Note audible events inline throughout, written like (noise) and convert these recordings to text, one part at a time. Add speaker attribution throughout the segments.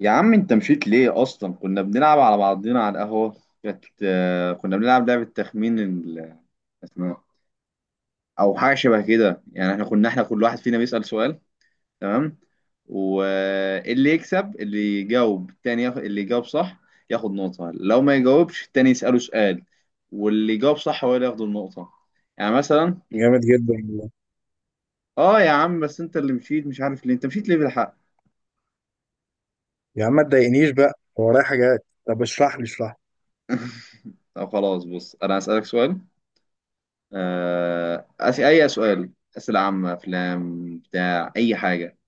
Speaker 1: يا عم انت مشيت ليه اصلا؟ كنا بنلعب على بعضنا على القهوه. كانت كنا بنلعب لعبه تخمين الاسماء او حاجه شبه كده. يعني احنا كل واحد فينا بيسال سؤال، تمام؟ واللي يكسب اللي يجاوب التاني ياخد، اللي يجاوب صح ياخد نقطه، لو ما يجاوبش التاني يساله سؤال، واللي يجاوب صح هو اللي ياخد النقطه. يعني مثلا.
Speaker 2: جامد جدا والله.
Speaker 1: اه يا عم، بس انت اللي مشيت، مش عارف ليه انت مشيت ليه بالحق.
Speaker 2: يا عم ما تضايقنيش بقى، هو ورايا حاجات. طب اشرح لي.
Speaker 1: (laughs) طب خلاص، بص انا هسالك سؤال. أي سؤال، أسئلة عامة، أفلام، بتاع أي حاجة.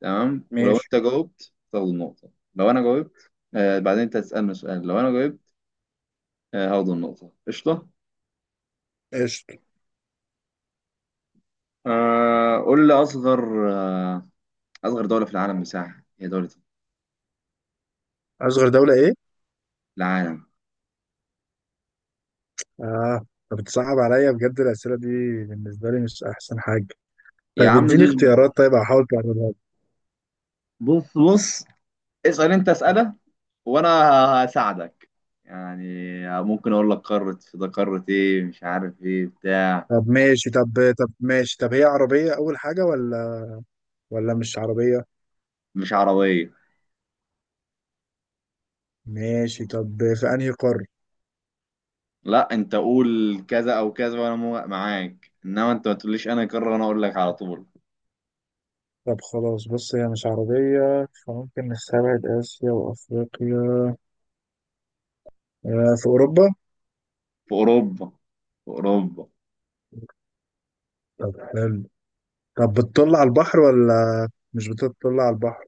Speaker 1: تمام، ولو
Speaker 2: ماشي.
Speaker 1: أنت جاوبت تاخد النقطة، لو أنا جاوبت بعدين أنت تسألني سؤال، لو أنا جاوبت هاخد النقطة. قشطة.
Speaker 2: قشطة.
Speaker 1: قول لي. أصغر دولة في العالم مساحة هي دولة إيه؟
Speaker 2: أصغر دولة إيه؟
Speaker 1: العالم.
Speaker 2: آه، طب بتصعب عليا بجد الأسئلة دي، بالنسبة لي مش أحسن حاجة.
Speaker 1: يا
Speaker 2: طب
Speaker 1: عم
Speaker 2: اديني
Speaker 1: دوس.
Speaker 2: اختيارات طيب، هحاول تقربها لي.
Speaker 1: بص بص، اسأل أنت أسئلة وأنا هساعدك. يعني ممكن أقول لك قارة، ده قارة إيه، مش عارف إيه بتاع.
Speaker 2: طب ماشي طب طب ماشي طب هي عربية أول حاجة ولا مش عربية؟
Speaker 1: مش عربية.
Speaker 2: ماشي. طب في أنهي قارة؟
Speaker 1: لا انت قول كذا او كذا وانا موافق معاك، انما انت ما تقوليش انا اكرر، انا اقول لك على طول.
Speaker 2: طب خلاص، بص هي مش عربية فممكن نستبعد آسيا وأفريقيا. آه، في أوروبا؟
Speaker 1: في اوروبا، في اوروبا.
Speaker 2: طب حلو. طب بتطل على البحر مش بتطل على البحر.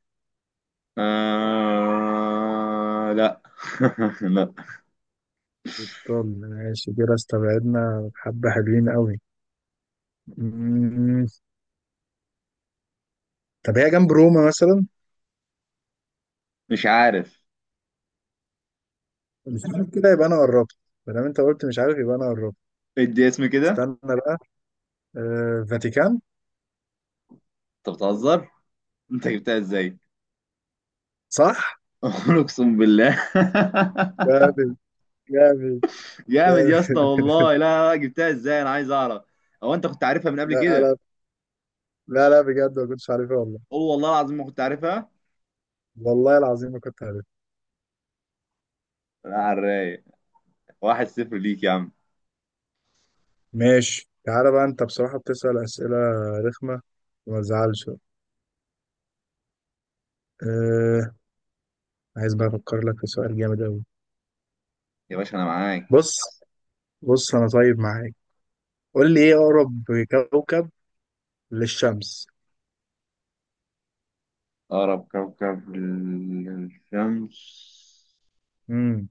Speaker 1: لا. (laughs) لا.
Speaker 2: بتطل، ماشي كده استبعدنا حبة حلوين قوي. مم. طب هي جنب روما مثلا؟
Speaker 1: مش عارف.
Speaker 2: مش عارف، كده يبقى انا قربت. ما دام انت قلت مش عارف يبقى انا قربت.
Speaker 1: ادي اسم كده.
Speaker 2: استنى بقى. فاتيكان.
Speaker 1: انت بتهزر، انت جبتها ازاي؟
Speaker 2: صح.
Speaker 1: (laughs) اقسم بالله. (laughs)
Speaker 2: جامد. جامد.
Speaker 1: جامد
Speaker 2: جامد.
Speaker 1: يا اسطى والله، لا لا، جبتها ازاي؟ انا عايز اعرف. هو انت كنت عارفها من قبل
Speaker 2: (laughs) لا
Speaker 1: كده؟
Speaker 2: لا لا لا بجد ما كنتش عارفها والله.
Speaker 1: قول والله العظيم ما كنت عارفها.
Speaker 2: والله العظيم ما كنت عارفها.
Speaker 1: لا، على الرايق. 1-0 ليك يا عم.
Speaker 2: ماشي. تعالى بقى، انت بصراحة بتسأل أسئلة رخمة، وما تزعلش. أه... عايز بقى افكر لك في سؤال جامد قوي.
Speaker 1: يا باشا انا معاك.
Speaker 2: بص، بص انا طيب معاك. قول لي، ايه اقرب كوكب للشمس؟
Speaker 1: أقرب كوكب للشمس.
Speaker 2: امم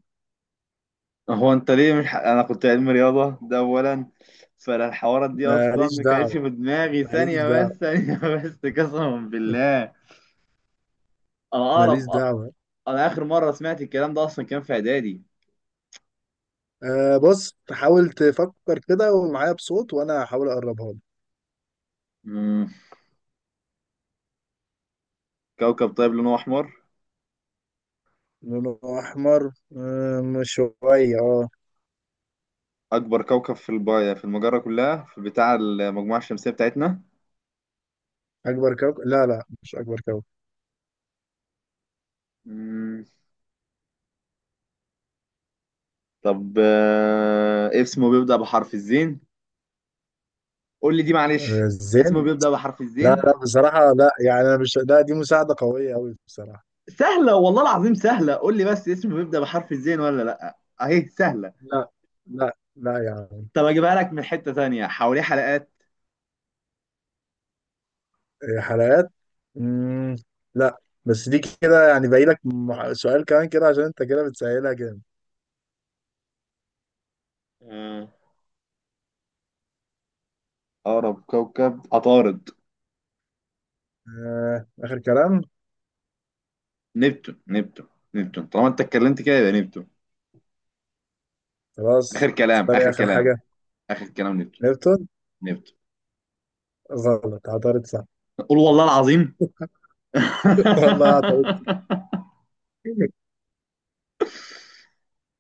Speaker 1: هو أنت ليه مش ح... أنا كنت علم رياضة ده أولا، فأنا الحوارات دي أصلا
Speaker 2: ماليش
Speaker 1: ما كانتش
Speaker 2: دعوه،
Speaker 1: في دماغي.
Speaker 2: ماليش
Speaker 1: ثانية بس
Speaker 2: دعوه،
Speaker 1: ثانية (laughs) بس قسما بالله. أنا
Speaker 2: ماليش
Speaker 1: أقرب.
Speaker 2: دعوه.
Speaker 1: أنا آخر مرة سمعت الكلام ده أصلا كان في إعدادي.
Speaker 2: آه، بص حاول تفكر كده ومعايا بصوت وانا هحاول اقربها لك.
Speaker 1: مم. كوكب طيب لونه أحمر.
Speaker 2: لونه احمر؟ آه، مش شويه، اه.
Speaker 1: أكبر كوكب في الب... في المجرة كلها، في بتاع المجموعة الشمسية بتاعتنا.
Speaker 2: اكبر كوكب؟ لا لا، مش اكبر كوكب.
Speaker 1: مم. طب اسمه بيبدأ بحرف الزين. قول لي، دي معلش.
Speaker 2: آه،
Speaker 1: اسمه
Speaker 2: الزين؟
Speaker 1: بيبدأ بحرف
Speaker 2: لا
Speaker 1: الزين.
Speaker 2: لا، بصراحه لا يعني، انا مش لا دي مساعده قويه قوي بصراحه.
Speaker 1: سهلة والله العظيم سهلة، قول لي بس اسمه بيبدأ بحرف الزين ولا لأ؟ أهي سهلة.
Speaker 2: لا لا يعني.
Speaker 1: طب أجيبها لك من حتة تانية، حواليه حلقات.
Speaker 2: حلقات؟ مم. لا، بس دي كده يعني باقي لك سؤال كمان كده، عشان انت كده بتسهلها جامد.
Speaker 1: آه، أقرب كوكب عطارد.
Speaker 2: آه. اخر كلام.
Speaker 1: نبتون، نبتون. نبتون طالما أنت اتكلمت كده يبقى نبتون. آخر
Speaker 2: خلاص،
Speaker 1: كلام،
Speaker 2: تختار ايه
Speaker 1: آخر
Speaker 2: اخر
Speaker 1: كلام.
Speaker 2: حاجه؟
Speaker 1: آخر كلام نبتون.
Speaker 2: نيوتن.
Speaker 1: نبتون.
Speaker 2: غلط. عطارد صح.
Speaker 1: قول والله العظيم.
Speaker 2: (laughs) والله عطارد.
Speaker 1: (laughs)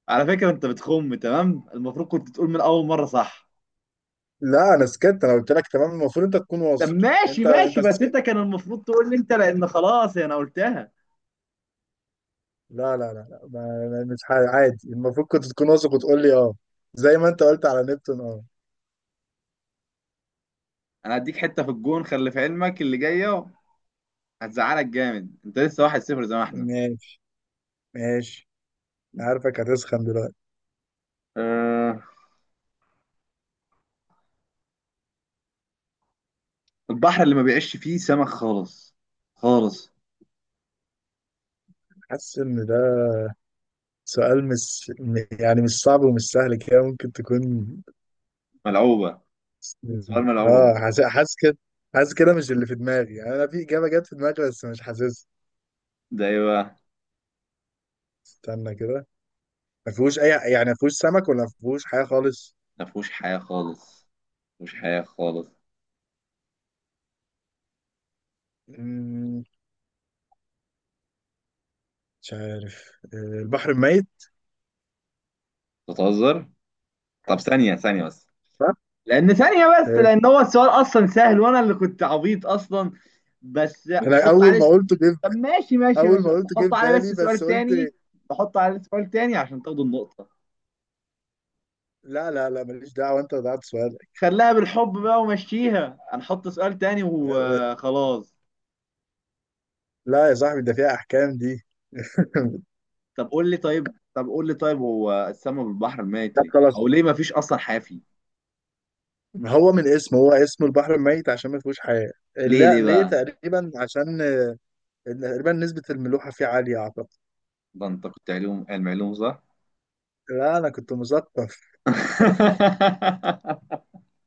Speaker 1: على فكرة أنت بتخم، تمام؟ المفروض كنت تقول من أول مرة، صح؟
Speaker 2: لا، انا سكت، انا قلت لك تمام، المفروض انت تكون
Speaker 1: طب
Speaker 2: واثق.
Speaker 1: ماشي
Speaker 2: انت
Speaker 1: ماشي، بس
Speaker 2: سكت.
Speaker 1: أنت كان المفروض تقول لي أنت، لأن خلاص يعني أنا قلتها.
Speaker 2: لا، ما- ما- مش ح- عادي، المفروض كنت تكون واثق وتقول لي اه، زي ما انت قلت على نيوتن، اه.
Speaker 1: انا هديك حته في الجون، خلي في علمك اللي جايه هتزعلك جامد، انت لسه 1-0 زي ما احنا.
Speaker 2: ماشي، ماشي. أنا عارفك هتسخن دلوقتي.
Speaker 1: أه. البحر اللي ما بيعيش فيه سمك خالص، خالص.
Speaker 2: حاسس ان ده سؤال مش م- يعني مش صعب ومش سهل كده، ممكن تكون.
Speaker 1: ملعوبه، سؤال
Speaker 2: اه،
Speaker 1: ملعوب.
Speaker 2: حاسس كده. حاسس كده، مش اللي في دماغي يعني، انا في اجابه جت في دماغي بس مش حاسسها.
Speaker 1: ده ايه بقى؟
Speaker 2: استنى كده. ما فيهوش اي، يعني ما فيهوش سمك، ولا ما فيهوش حاجه خالص؟
Speaker 1: ده مفيهوش حياه خالص، مفيهوش حياه خالص.
Speaker 2: مم، مش عارف. آه، البحر الميت.
Speaker 1: بتهزر. طب ثانيه ثانيه بس
Speaker 2: صح.
Speaker 1: لان ثانيه بس
Speaker 2: آه،
Speaker 1: لان هو السؤال اصلا سهل وانا اللي كنت عبيط اصلا. بس
Speaker 2: انا
Speaker 1: حط
Speaker 2: اول
Speaker 1: عليه
Speaker 2: ما
Speaker 1: سؤال.
Speaker 2: قلت جه.
Speaker 1: طب ماشي ماشي
Speaker 2: اول
Speaker 1: ماشي
Speaker 2: ما
Speaker 1: بس
Speaker 2: قلت جه
Speaker 1: حط
Speaker 2: في
Speaker 1: عليه بس
Speaker 2: بالي بس
Speaker 1: سؤال
Speaker 2: قلت.
Speaker 1: تاني. حط عليه سؤال تاني عشان تاخد النقطه.
Speaker 2: لا لا لا، ماليش دعوه، انت ضيعت سؤالك.
Speaker 1: خلاها بالحب بقى ومشيها، هنحط سؤال تاني
Speaker 2: آه، آه،
Speaker 1: وخلاص.
Speaker 2: لا يا صاحبي، ده فيها احكام دي.
Speaker 1: طب قول لي طيب. طب قول لي طيب، هو السما بالبحر الميت
Speaker 2: طب
Speaker 1: ليه؟ او
Speaker 2: خلاص،
Speaker 1: ليه ما فيش اصلا حياة فيه؟
Speaker 2: هو من اسمه، هو اسمه البحر الميت عشان ما فيهوش حياة.
Speaker 1: ليه،
Speaker 2: لا،
Speaker 1: ليه
Speaker 2: ليه
Speaker 1: بقى؟
Speaker 2: تقريبا عشان تقريبا نسبة الملوحة فيه عالية أعتقد.
Speaker 1: ده انت كنت علوم، علم علوم، صح؟
Speaker 2: لا، أنا كنت مثقف.
Speaker 1: (laughs)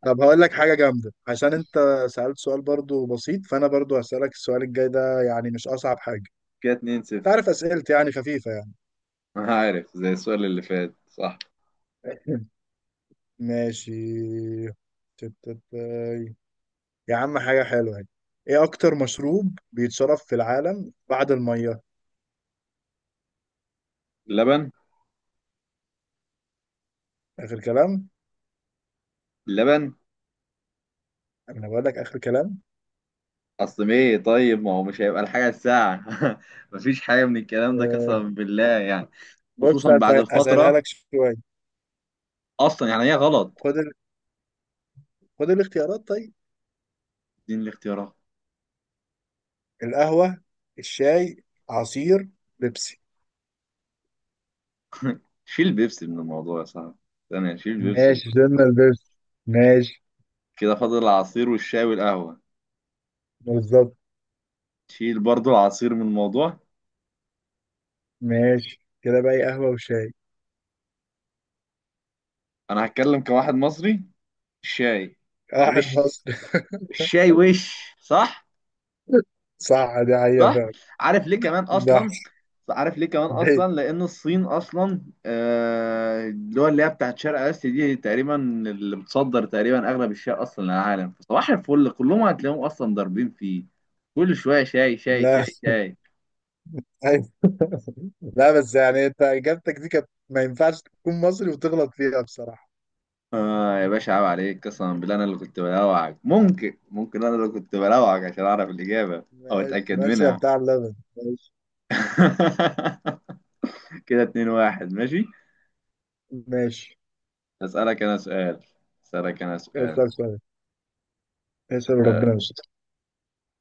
Speaker 2: طب هقول لك حاجة جامدة، عشان أنت سألت سؤال برضو بسيط، فأنا برضو هسألك السؤال الجاي ده يعني مش أصعب حاجة.
Speaker 1: كده 2-0.
Speaker 2: تعرف أسئلتي يعني خفيفة يعني.
Speaker 1: عارف زي السؤال اللي فات، صح؟
Speaker 2: (laughs) ماشي. تاي. يا عم حاجة حلوة يعني. إيه أكتر مشروب بيتشرب في العالم بعد المية؟
Speaker 1: اللبن.
Speaker 2: آخر كلام؟
Speaker 1: اللبن.
Speaker 2: أنا بقول لك آخر كلام.
Speaker 1: اصل ايه طيب؟ ما هو مش هيبقى الحاجة الساعة. (laughs) مفيش حاجة من الكلام ده قسما
Speaker 2: آه،
Speaker 1: بالله يعني،
Speaker 2: بص
Speaker 1: خصوصا بعد
Speaker 2: هسهلها لك
Speaker 1: الفترة.
Speaker 2: شوية.
Speaker 1: اصلا يعني هي غلط.
Speaker 2: خد خد الاختيارات طيب.
Speaker 1: دي الاختيارات.
Speaker 2: القهوة، الشاي، عصير، بيبسي.
Speaker 1: شيل بيبسي من الموضوع يا صاحبي. ثانية، شيل بيبسي من
Speaker 2: ماشي، شلنا
Speaker 1: الموضوع.
Speaker 2: البيبسي. ماشي.
Speaker 1: كده فاضل العصير والشاي والقهوة.
Speaker 2: بالظبط.
Speaker 1: شيل برضو العصير من الموضوع.
Speaker 2: ماشي كده بقى، قهوة وشاي.
Speaker 1: أنا هتكلم كواحد مصري. الشاي
Speaker 2: واحد
Speaker 1: وش.
Speaker 2: مصري.
Speaker 1: الشاي وش، صح؟
Speaker 2: (laughs) صح، دي حقيقة
Speaker 1: صح.
Speaker 2: فعلا.
Speaker 1: عارف ليه كمان
Speaker 2: ده
Speaker 1: أصلا؟
Speaker 2: أحسن.
Speaker 1: عارف ليه كمان
Speaker 2: ليه؟
Speaker 1: أصلا؟ لأن الصين أصلا، الدول اللي هي بتاعت شرق آسيا دي تقريبا اللي بتصدر تقريبا أغلب الشاي أصلا للعالم، فصباح الفل كلهم هتلاقيهم أصلا ضاربين فيه. كل شوية شاي شاي
Speaker 2: لا.
Speaker 1: شاي
Speaker 2: (laughs)
Speaker 1: شاي.
Speaker 2: أيوة. لا بس يعني، انت اجابتك دي كانت ما ينفعش تكون مصري وتغلط فيها بصراحة.
Speaker 1: آه يا باشا عيب عليك قسما بالله، انا اللي كنت بلوعك. ممكن انا اللي كنت بلوعك عشان اعرف الاجابه او
Speaker 2: ماشي
Speaker 1: اتاكد
Speaker 2: ماشي يا
Speaker 1: منها.
Speaker 2: بتاع اللبن، ماشي.
Speaker 1: (laughs) كده 2-1، ماشي.
Speaker 2: ماشي.
Speaker 1: اسالك انا سؤال اسالك انا سؤال.
Speaker 2: اسأل سؤال، اسأل
Speaker 1: آه.
Speaker 2: ربنا يستر.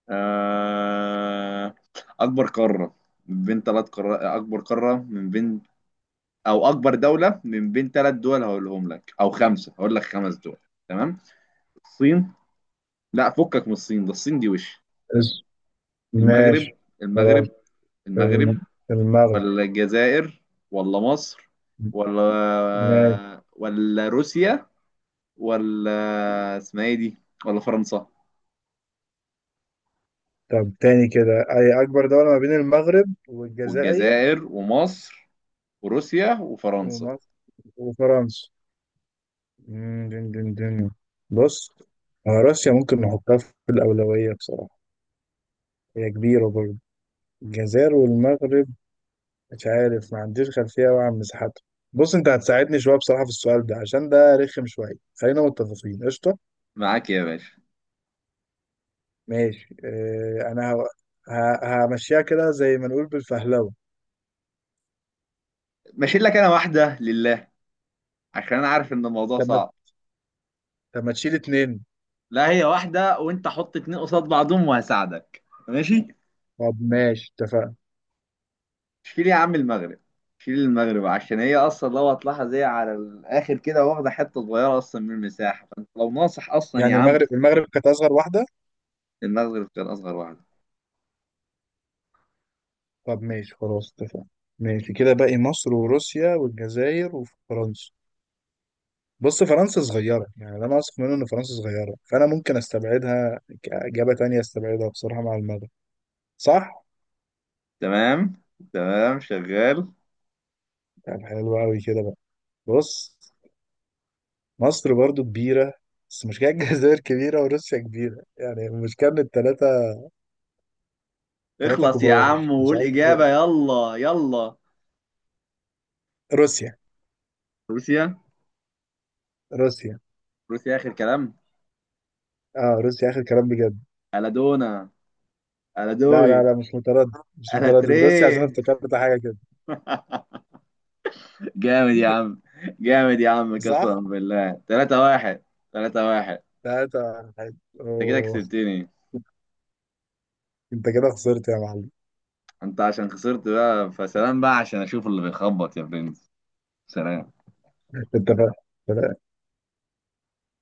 Speaker 1: آه. اكبر قاره من بين 3 قارات، اكبر دوله من بين 3 دول هقولهم لك، او خمسه، هقول لك 5 دول. تمام. الصين. لا فكك من الصين، ده الصين دي وش. ثانيه. المغرب،
Speaker 2: ماشي خلاص.
Speaker 1: المغرب، المغرب،
Speaker 2: الم- المغرب.
Speaker 1: ولا الجزائر، ولا مصر،
Speaker 2: ماشي.
Speaker 1: ولا روسيا، ولا اسمها ايه دي، ولا فرنسا.
Speaker 2: طب تاني كده، أي أكبر دولة ما بين المغرب والجزائر
Speaker 1: والجزائر، ومصر، وروسيا، وفرنسا.
Speaker 2: ومصر وفرنسا؟ مم، دن دن دن. بص، روسيا ممكن نحطها في الأولوية بصراحة، هي كبيرة برضه. الجزائر والمغرب مش عارف، ما عنديش خلفية أوي عن مساحتها. بص أنت هتساعدني شوية بصراحة في السؤال ده، عشان ده رخم شوية. خلينا متفقين، قشطة.
Speaker 1: معاك يا باشا.
Speaker 2: ماشي، اه، همشيها كده زي ما نقول بالفهلوة.
Speaker 1: ماشي لك انا واحدة لله، عشان انا عارف ان الموضوع
Speaker 2: طب
Speaker 1: صعب.
Speaker 2: طب ما تشيل اتنين.
Speaker 1: لا هي واحدة، وانت حط اتنين قصاد بعضهم وهساعدك. ماشي.
Speaker 2: طب ماشي اتفقنا.
Speaker 1: شيل يا عم المغرب. شيل المغرب، عشان هي اصلا لو هتلاحظ هي على الاخر كده واخدة حتة صغيرة اصلا من المساحة، فانت لو ناصح اصلا يا
Speaker 2: يعني
Speaker 1: عم.
Speaker 2: المغرب، المغرب كانت اصغر واحده.
Speaker 1: النصغر كان أصغر واحدة.
Speaker 2: طب ماشي خلاص اتفقنا. ماشي كده باقي مصر وروسيا والجزائر وفرنسا. بص فرنسا صغيره، يعني اللي انا واثق منه ان فرنسا صغيره، فانا ممكن استبعدها كاجابه تانية، استبعدها بصراحه مع المغرب. صح.
Speaker 1: تمام، تمام، شغال.
Speaker 2: طب حلو قوي كده بقى. بص مصر برضو كبيره، بس مشكلة الجزائر كبيرة وروسيا كبيرة، يعني المشكلة ان التلاتة، تلاتة
Speaker 1: اخلص يا
Speaker 2: كبار
Speaker 1: عم
Speaker 2: مش
Speaker 1: وقول
Speaker 2: عارف بقى.
Speaker 1: إجابة، يلا يلا.
Speaker 2: روسيا.
Speaker 1: روسيا.
Speaker 2: روسيا.
Speaker 1: روسيا آخر كلام.
Speaker 2: اه روسيا اخر كلام بجد.
Speaker 1: ألادونا.
Speaker 2: لا
Speaker 1: ألادوي.
Speaker 2: لا لا مش متردد، مش متردد
Speaker 1: ألاتري.
Speaker 2: روسيا، عشان أنا افتكرت حاجة كده.
Speaker 1: (laughs) جامد يا
Speaker 2: (laughs)
Speaker 1: عم. جامد يا عم
Speaker 2: صح؟
Speaker 1: قسما بالله، 3 واحد. 3 واحد.
Speaker 2: لا انت.
Speaker 1: انت كده
Speaker 2: أوه.
Speaker 1: كسبتني.
Speaker 2: انت كده خسرت يا معلم.
Speaker 1: انت عشان خسرت بقى فسلام بقى، عشان اشوف اللي بيخبط يا برنس. سلام.
Speaker 2: انت بقى.